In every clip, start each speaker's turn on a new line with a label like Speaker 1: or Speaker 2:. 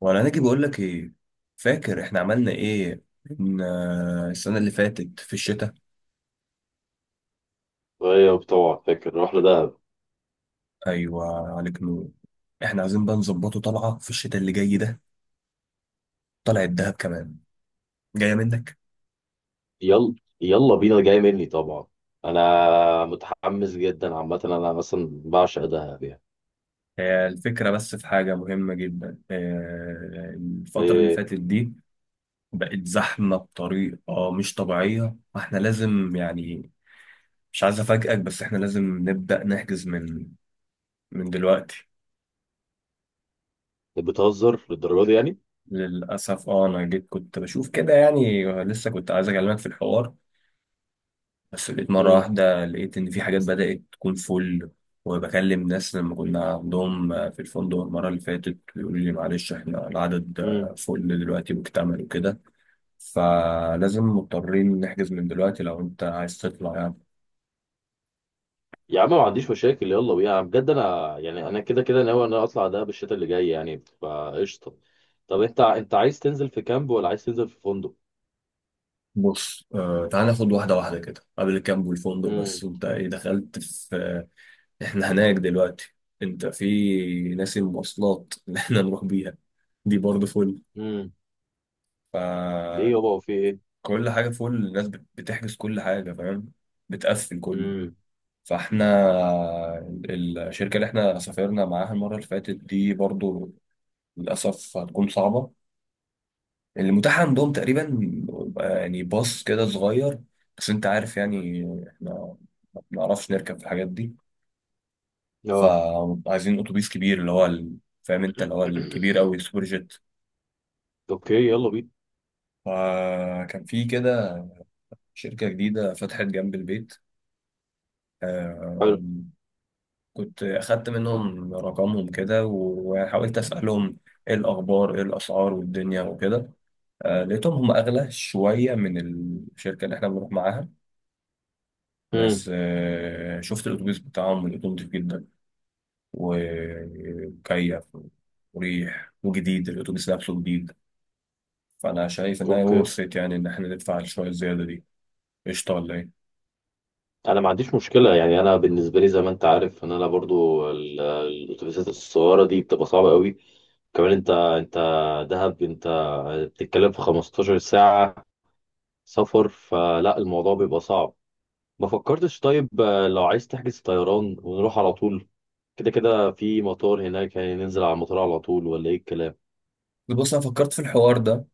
Speaker 1: وانا ناجي بقول لك ايه. فاكر احنا عملنا ايه؟ من السنه اللي فاتت في الشتاء.
Speaker 2: طيب طبعا فاكر نروح لدهب.
Speaker 1: ايوه، عليك نور. احنا عايزين بقى نظبطه طلعه في الشتاء اللي جاي ده، طلعه الدهب كمان، جايه منك.
Speaker 2: يلا يلا بينا جاي مني طبعا. انا متحمس جدا عامه، انا مثلا بعشق دهب يعني.
Speaker 1: هي الفكره، بس في حاجه مهمه جدا. الفتره اللي
Speaker 2: إيه،
Speaker 1: فاتت دي بقت زحمه بطريقه مش طبيعيه، فاحنا لازم يعني، مش عايز افاجئك بس احنا لازم نبدا نحجز من دلوقتي.
Speaker 2: بتهزر للدرجه دي يعني؟
Speaker 1: للأسف اه، أنا جيت كنت بشوف كده يعني، لسه كنت عايز أكلمك في الحوار، بس لقيت مرة
Speaker 2: امم
Speaker 1: واحدة لقيت إن في حاجات بدأت تكون فل. وبكلم ناس لما كنا عندهم في الفندق المرة اللي فاتت، يقولوا لي معلش إحنا العدد
Speaker 2: امم
Speaker 1: فل دلوقتي، مكتمل وكده. فلازم مضطرين نحجز من دلوقتي لو أنت عايز تطلع يعني.
Speaker 2: يا عم ما عنديش مشاكل، يلا بينا. أنا بجد انا يعني انا كده كده ناوي ان انا اطلع دهب الشتاء اللي جاي يعني، فقشطه. طب انت عايز تنزل في كامب ولا عايز تنزل في فندق؟
Speaker 1: بص، تعال ناخد واحدة واحدة كده. قبل الكامب والفندق بس،
Speaker 2: امم
Speaker 1: وأنت إيه دخلت في احنا هناك دلوقتي؟ انت في ناس، المواصلات اللي احنا نروح بيها دي برضه فل.
Speaker 2: امم ليه
Speaker 1: فكل
Speaker 2: يابا وفي ايه؟
Speaker 1: حاجة فل. الناس بتحجز كل حاجة، فاهم؟ بتقفل كله.
Speaker 2: امم
Speaker 1: فاحنا الشركة اللي احنا سافرنا معاها المرة اللي فاتت دي برضه للأسف هتكون صعبة. اللي متاح عندهم تقريبا يعني باص كده صغير. بس انت عارف يعني، احنا ما بنعرفش نركب في الحاجات دي.
Speaker 2: اه.
Speaker 1: فعايزين اتوبيس كبير، اللي هو فاهم انت، اللي هو الكبير قوي، السوبر جيت.
Speaker 2: اوكي، يلا بينا.
Speaker 1: فكان في كده شركة جديدة فتحت جنب البيت.
Speaker 2: حلو.
Speaker 1: آم، كنت أخدت منهم رقمهم كده وحاولت أسألهم إيه الأخبار إيه الأسعار والدنيا وكده. لقيتهم هم أغلى شوية من الشركة اللي إحنا بنروح معاها.
Speaker 2: امم
Speaker 1: بس شفت الأتوبيس بتاعهم لقيته نضيف جدا، ومكيف وريح وجديد. الأتوبيس نفسه جديد. فانا شايف انها
Speaker 2: اوكي،
Speaker 1: ورثت يعني، ان احنا ندفع شويه الزياده دي. قشطه ولا ايه؟
Speaker 2: انا ما عنديش مشكله يعني. انا بالنسبه لي زي ما انت عارف ان انا برضو الاتوبيسات الصغيره دي بتبقى صعبه قوي. كمان انت دهب انت بتتكلم في 15 ساعه سفر، فلا الموضوع بيبقى صعب. ما فكرتش طيب، لو عايز تحجز طيران ونروح على طول؟ كده كده في مطار هناك يعني، ننزل على المطار على طول ولا ايه الكلام؟
Speaker 1: بص، انا فكرت في الحوار ده.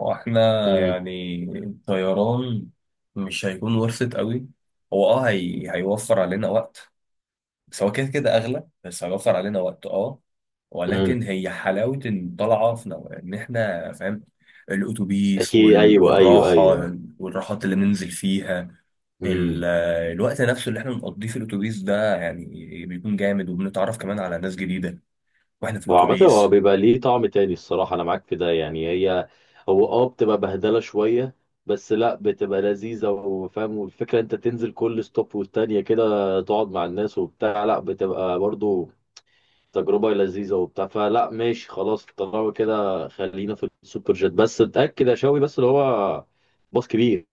Speaker 1: هو احنا
Speaker 2: امم
Speaker 1: يعني الطيران مش هيكون ورثت قوي، هو اه هيوفر علينا وقت. بس هو كده كده اغلى بس هيوفر علينا وقت اه.
Speaker 2: امم
Speaker 1: ولكن هي حلاوه ان طالعه في ان احنا فاهم الاتوبيس
Speaker 2: اكيد، ايوه ايوه
Speaker 1: والراحه،
Speaker 2: ايوه.
Speaker 1: والراحات اللي ننزل فيها. ال-
Speaker 2: امم
Speaker 1: الوقت نفسه اللي احنا بنقضيه في الاتوبيس ده يعني بيكون جامد، وبنتعرف كمان على ناس جديده واحنا في
Speaker 2: هو عامة
Speaker 1: الاتوبيس.
Speaker 2: هو بيبقى ليه طعم تاني، الصراحة أنا معاك في ده يعني. هي هو بتبقى بهدلة شوية، بس لا بتبقى لذيذة وفاهم، والفكرة أنت تنزل كل ستوب والتانية كده تقعد مع الناس وبتاع. لا بتبقى برضو تجربة لذيذة وبتاع، فلا ماشي خلاص، طالما كده خلينا في السوبر جيت، بس اتأكد يا شاوي بس اللي هو باص كبير.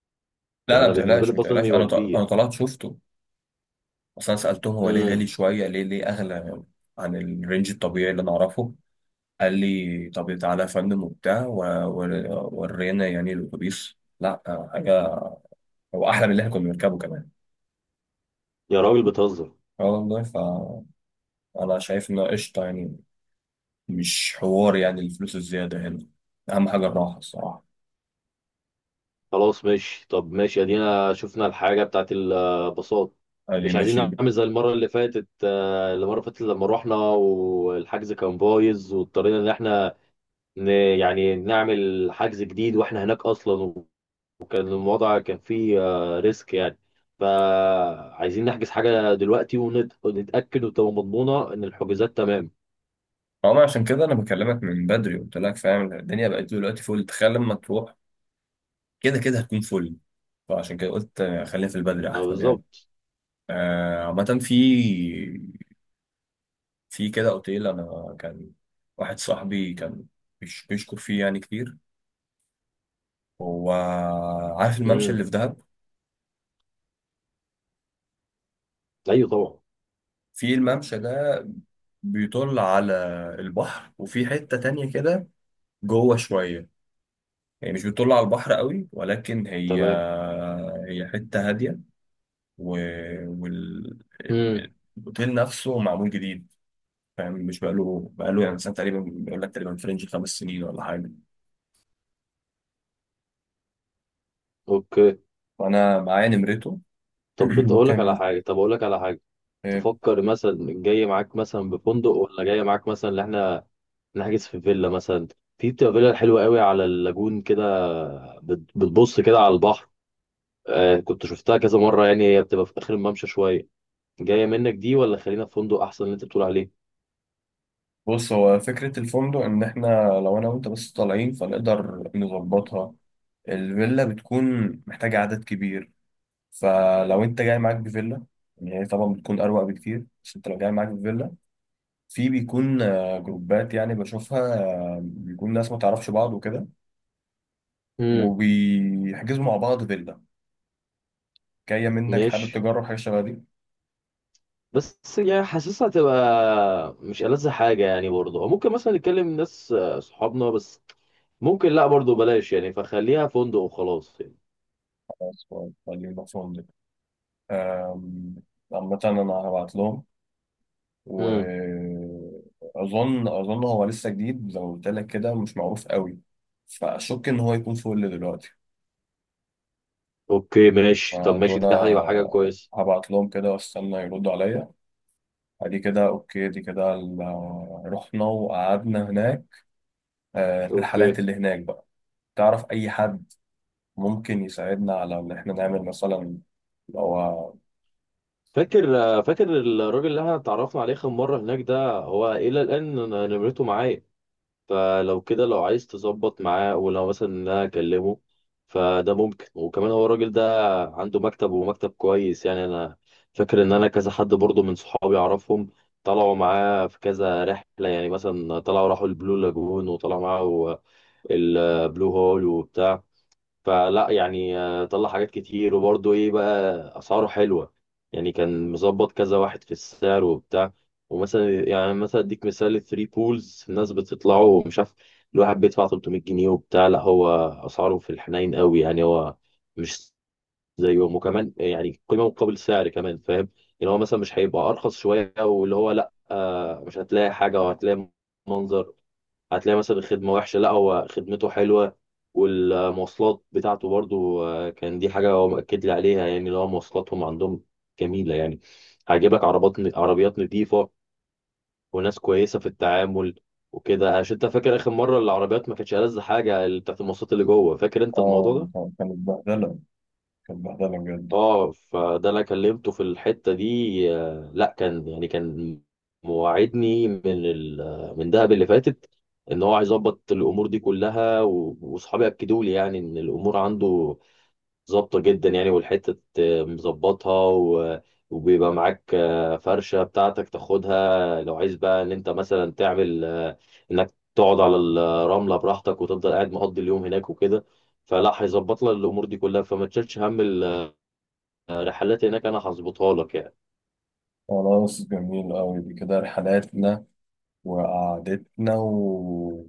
Speaker 1: لا
Speaker 2: يعني
Speaker 1: لا،
Speaker 2: أنا
Speaker 1: ما
Speaker 2: بالنسبة لي
Speaker 1: تقلقش ما
Speaker 2: الباص لازم
Speaker 1: تقلقش.
Speaker 2: يبقى
Speaker 1: انا انا
Speaker 2: كبير.
Speaker 1: طلعت شفته اصلا. سالتهم هو ليه غالي
Speaker 2: امم
Speaker 1: شويه، ليه اغلى عن الرينج الطبيعي اللي انا اعرفه. قال لي طب تعالى يا فندم وبتاع، ورينا يعني الاتوبيس. لا حاجه، هو احلى من اللي احنا كنا بنركبه كمان.
Speaker 2: يا راجل بتهزر.
Speaker 1: اه والله. فانا شايف انه قشطه يعني، مش حوار يعني الفلوس الزياده هنا، اهم حاجه الراحه الصراحه.
Speaker 2: خلاص ماشي، طب ماشي، ادينا شفنا الحاجه بتاعت الباصات.
Speaker 1: قال لي
Speaker 2: مش عايزين
Speaker 1: ماشي.
Speaker 2: نعمل زي المره اللي فاتت، المره اللي فاتت لما رحنا والحجز كان بايظ واضطرينا ان احنا يعني نعمل حجز جديد واحنا هناك اصلا، وكان الوضع كان فيه ريسك يعني. فعايزين نحجز حاجه دلوقتي ونتاكد وتبقى مضمونه ان الحجوزات تمام.
Speaker 1: اه، ما عشان كده انا بكلمك من بدري، قلت لك فاهم الدنيا بقت دلوقتي فل. تخيل لما تروح كده كده هتكون فل. فعشان كده قلت خلينا في البدري
Speaker 2: اه
Speaker 1: احسن يعني.
Speaker 2: بالظبط.
Speaker 1: عامة، في كده اوتيل انا كان، واحد صاحبي كان بيشكر فيه يعني كتير. هو عارف الممشى
Speaker 2: امم
Speaker 1: اللي في دهب.
Speaker 2: ايوه طبعا.
Speaker 1: في الممشى ده بيطل على البحر، وفي حتة تانية كده جوه شوية، يعني مش بتطل على البحر قوي، ولكن هي
Speaker 2: تمام.
Speaker 1: حتة هادية،
Speaker 2: امم
Speaker 1: والاوتيل نفسه معمول جديد، فاهم؟ مش بقاله يعني سنه تقريبا، بيقول لك تقريبا فرنج 5 سنين ولا حاجه.
Speaker 2: اوكي.
Speaker 1: فانا معايا نمرته.
Speaker 2: طب بتقول لك على
Speaker 1: ممكن.
Speaker 2: حاجه، طب اقول لك على حاجه.
Speaker 1: آه،
Speaker 2: تفكر مثلا جاي معاك مثلا بفندق، ولا جاي معاك مثلا اللي احنا نحجز في فيلا مثلا؟ في بتبقى فيلا حلوه قوي على اللاجون كده، بتبص كده على البحر، آه كنت شفتها كذا مره يعني، هي بتبقى في اخر الممشى شويه. جايه منك دي، ولا خلينا في فندق احسن اللي انت بتقول عليه؟
Speaker 1: بص، هو فكره الفندق ان احنا لو انا وانت بس طالعين، فنقدر نظبطها. الفيلا بتكون محتاجه عدد كبير، فلو انت جاي معاك بفيلا، يعني هي طبعا بتكون اروق بكتير. بس انت لو جاي معاك بفيلا، في بيكون جروبات، يعني بشوفها بيكون ناس ما تعرفش بعض وكده،
Speaker 2: امم
Speaker 1: وبيحجزوا مع بعض فيلا. جاية منك، حابب
Speaker 2: ماشي.
Speaker 1: تجرب حاجة شبه دي؟
Speaker 2: بس يعني حاسسها تبقى مش ألذ حاجه يعني برضه. أو ممكن مثلا نتكلم ناس صحابنا بس. ممكن لا برضه بلاش يعني، فخليها فندق وخلاص يعني.
Speaker 1: خلاص، خليهم نفسهم دي. أم، عامة أنا هبعت لهم.
Speaker 2: مم.
Speaker 1: وأظن هو لسه جديد زي ما قلت لك كده، مش معروف قوي، فأشك إن هو يكون فوق اللي دلوقتي.
Speaker 2: اوكي ماشي، طب ماشي،
Speaker 1: فدول
Speaker 2: ده هيبقى حاجه كويسه.
Speaker 1: هبعت لهم كده واستنى يردوا عليا. ادي كده اوكي، دي كده رحنا وقعدنا هناك.
Speaker 2: اوكي.
Speaker 1: الرحلات اللي هناك بقى، تعرف اي حد ممكن يساعدنا على ان احنا نعمل مثلا؟ هو
Speaker 2: فاكر فاكر الراجل اللي احنا اتعرفنا عليه اخر مره هناك ده؟ هو الى الان أنا نمرته معايا، فلو كده لو عايز تظبط معاه، ولو مثلا إن انا اكلمه فده ممكن. وكمان هو الراجل ده عنده مكتب، ومكتب كويس يعني. انا فاكر ان انا كذا حد برضه من صحابي اعرفهم طلعوا معاه في كذا رحله، يعني مثلا طلعوا راحوا البلو لاجون وطلعوا معاه البلو هول وبتاع، فلا يعني طلع حاجات كتير. وبرضه ايه بقى، اسعاره حلوه يعني، كان مظبط كذا واحد في السعر وبتاع. ومثلا يعني مثلا اديك مثال، 3 بولز الناس بتطلعوا مش عارف، الواحد بيدفع 300 جنيه وبتاع. لا هو اسعاره في الحنين قوي يعني، هو مش زيهم، وكمان يعني قيمه مقابل سعر كمان فاهم يعني. هو مثلا مش هيبقى ارخص شويه واللي هو لا، مش هتلاقي حاجه وهتلاقي منظر، هتلاقي مثلا الخدمة وحشة. لا هو خدمته حلوة، والمواصلات بتاعته برضو، كان دي حاجة هو مأكد لي عليها، يعني اللي هو مواصلاتهم عندهم جميلة يعني، هيجيبك عربيات نظيفة، وناس كويسة في التعامل وكده. عشان انت فاكر آخر مرة العربيات ما كانتش ألذ حاجة، اللي بتاعت المواصلات اللي جوه، فاكر انت
Speaker 1: اه
Speaker 2: الموضوع ده؟
Speaker 1: كانت بهدلة، كانت بهدلة بجد.
Speaker 2: اه فده انا كلمته في الحته دي، لا يعني كان مواعدني من من دهب اللي فاتت، ان هو هيظبط الامور دي كلها، واصحابي اكدوا لي يعني ان الامور عنده ظابطه جدا يعني. والحته مظبطها وبيبقى معاك فرشه بتاعتك تاخدها لو عايز بقى، ان انت مثلا تعمل انك تقعد على الرمله براحتك وتفضل قاعد مقضي اليوم هناك وكده. فلا هيظبط لك الامور دي كلها، فما تشيلش هم رحلات هناك، انا هظبطها لك يعني.
Speaker 1: خلاص، جميل أوي. دي كده رحلاتنا وقعدتنا و،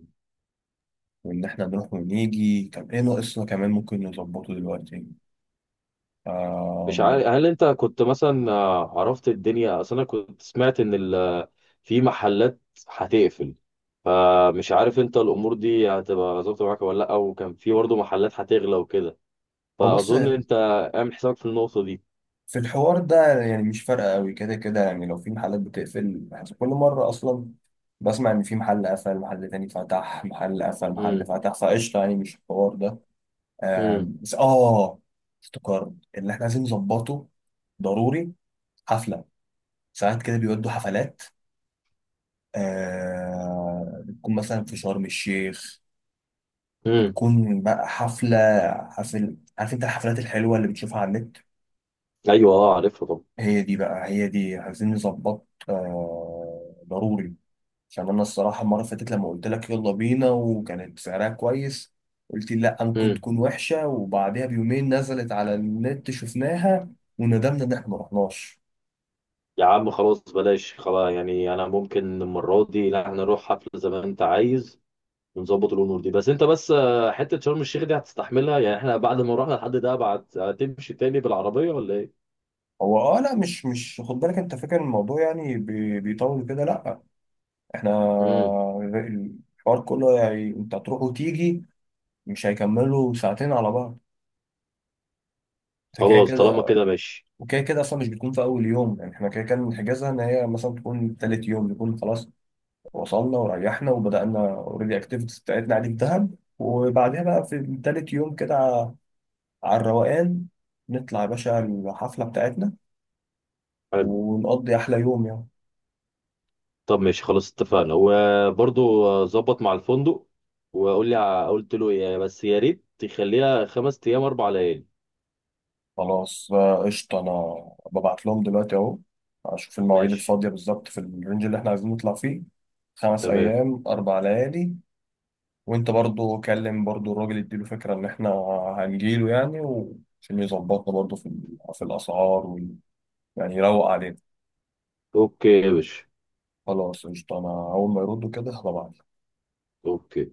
Speaker 1: وإن إحنا نروح ونيجي. طب إيه ناقصنا كمان ممكن نظبطه دلوقتي؟
Speaker 2: مش
Speaker 1: آم،
Speaker 2: عارف هل انت كنت مثلا عرفت الدنيا، اصل انا كنت سمعت ان ال... في محلات هتقفل، فمش عارف انت الامور دي هتبقى ظابطه معاك ولا لا. وكان في برضه محلات هتغلى وكده،
Speaker 1: هو بص.
Speaker 2: فاظن انت اعمل حسابك في النقطه دي.
Speaker 1: في الحوار ده يعني مش فارقة أوي، كده كده يعني لو في محلات بتقفل، بحس كل مرة أصلا بسمع إن في محل قفل، محل تاني فتح، محل قفل، محل
Speaker 2: امم
Speaker 1: فتح. فقشطة يعني، مش الحوار ده.
Speaker 2: امم
Speaker 1: بس اه افتكرت اللي احنا عايزين نظبطه ضروري، حفله. ساعات كده بيودوا حفلات، آه بتكون مثلا في شرم الشيخ،
Speaker 2: امم
Speaker 1: تكون بقى حفله، عارف انت الحفلات الحلوه اللي بتشوفها على النت؟
Speaker 2: ايوه اه عارفها طبعا.
Speaker 1: هي دي بقى، هي دي عايزين نظبط آه ضروري. عشان انا الصراحه المره اللي فاتت لما قلت لك يلا بينا وكانت سعرها كويس، قلت لي لا ممكن
Speaker 2: امم
Speaker 1: تكون وحشه، وبعدها بيومين نزلت على النت شفناها وندمنا ان احنا ما رحناش.
Speaker 2: يا عم خلاص بلاش خلاص يعني، انا ممكن المره دي لا، هنروح حفله زي ما انت عايز، بنظبط الامور دي. بس انت بس حته شرم الشيخ دي هتستحملها يعني؟ احنا بعد ما رحنا لحد ده بعد هتمشي تاني بالعربيه ولا ايه؟
Speaker 1: هو اه، لا مش خد بالك، انت فاكر الموضوع يعني بيطول كده؟ لا، احنا
Speaker 2: امم
Speaker 1: الحوار كله يعني انت هتروح وتيجي، مش هيكملوا ساعتين على بعض. انت كده
Speaker 2: خلاص طالما
Speaker 1: كده،
Speaker 2: كده ماشي.
Speaker 1: وكده كده اصلا مش بتكون في اول يوم. يعني احنا كده كده بنحجزها ان هي مثلا تكون تالت يوم. نكون خلاص وصلنا وريحنا وبدأنا اوريدي اكتيفيتيز بتاعتنا عادي في دهب، وبعدها بقى في تالت يوم كده على الروقان نطلع يا باشا الحفلة بتاعتنا،
Speaker 2: حلو.
Speaker 1: ونقضي أحلى يوم يعني.
Speaker 2: طب ماشي خلاص اتفقنا. وبرضو ظبط مع الفندق وقول لي، قلت له ايه؟ بس يا ريت تخليها خمس ايام اربع ليالي.
Speaker 1: خلاص قشطة. أنا ببعت لهم دلوقتي أهو، أشوف المواعيد
Speaker 2: ماشي.
Speaker 1: الفاضية بالظبط في الرينج اللي إحنا عايزين نطلع فيه. خمس
Speaker 2: تمام.
Speaker 1: أيام 4 ليالي. وأنت برضو كلم برضو الراجل، يديله فكرة إن إحنا هنجيله يعني، عشان يظبطنا برضو في في الأسعار يعني يروق علينا.
Speaker 2: اوكي يا باشا.
Speaker 1: خلاص قشطة، أنا أول ما يردوا كده هبعت
Speaker 2: اوكي.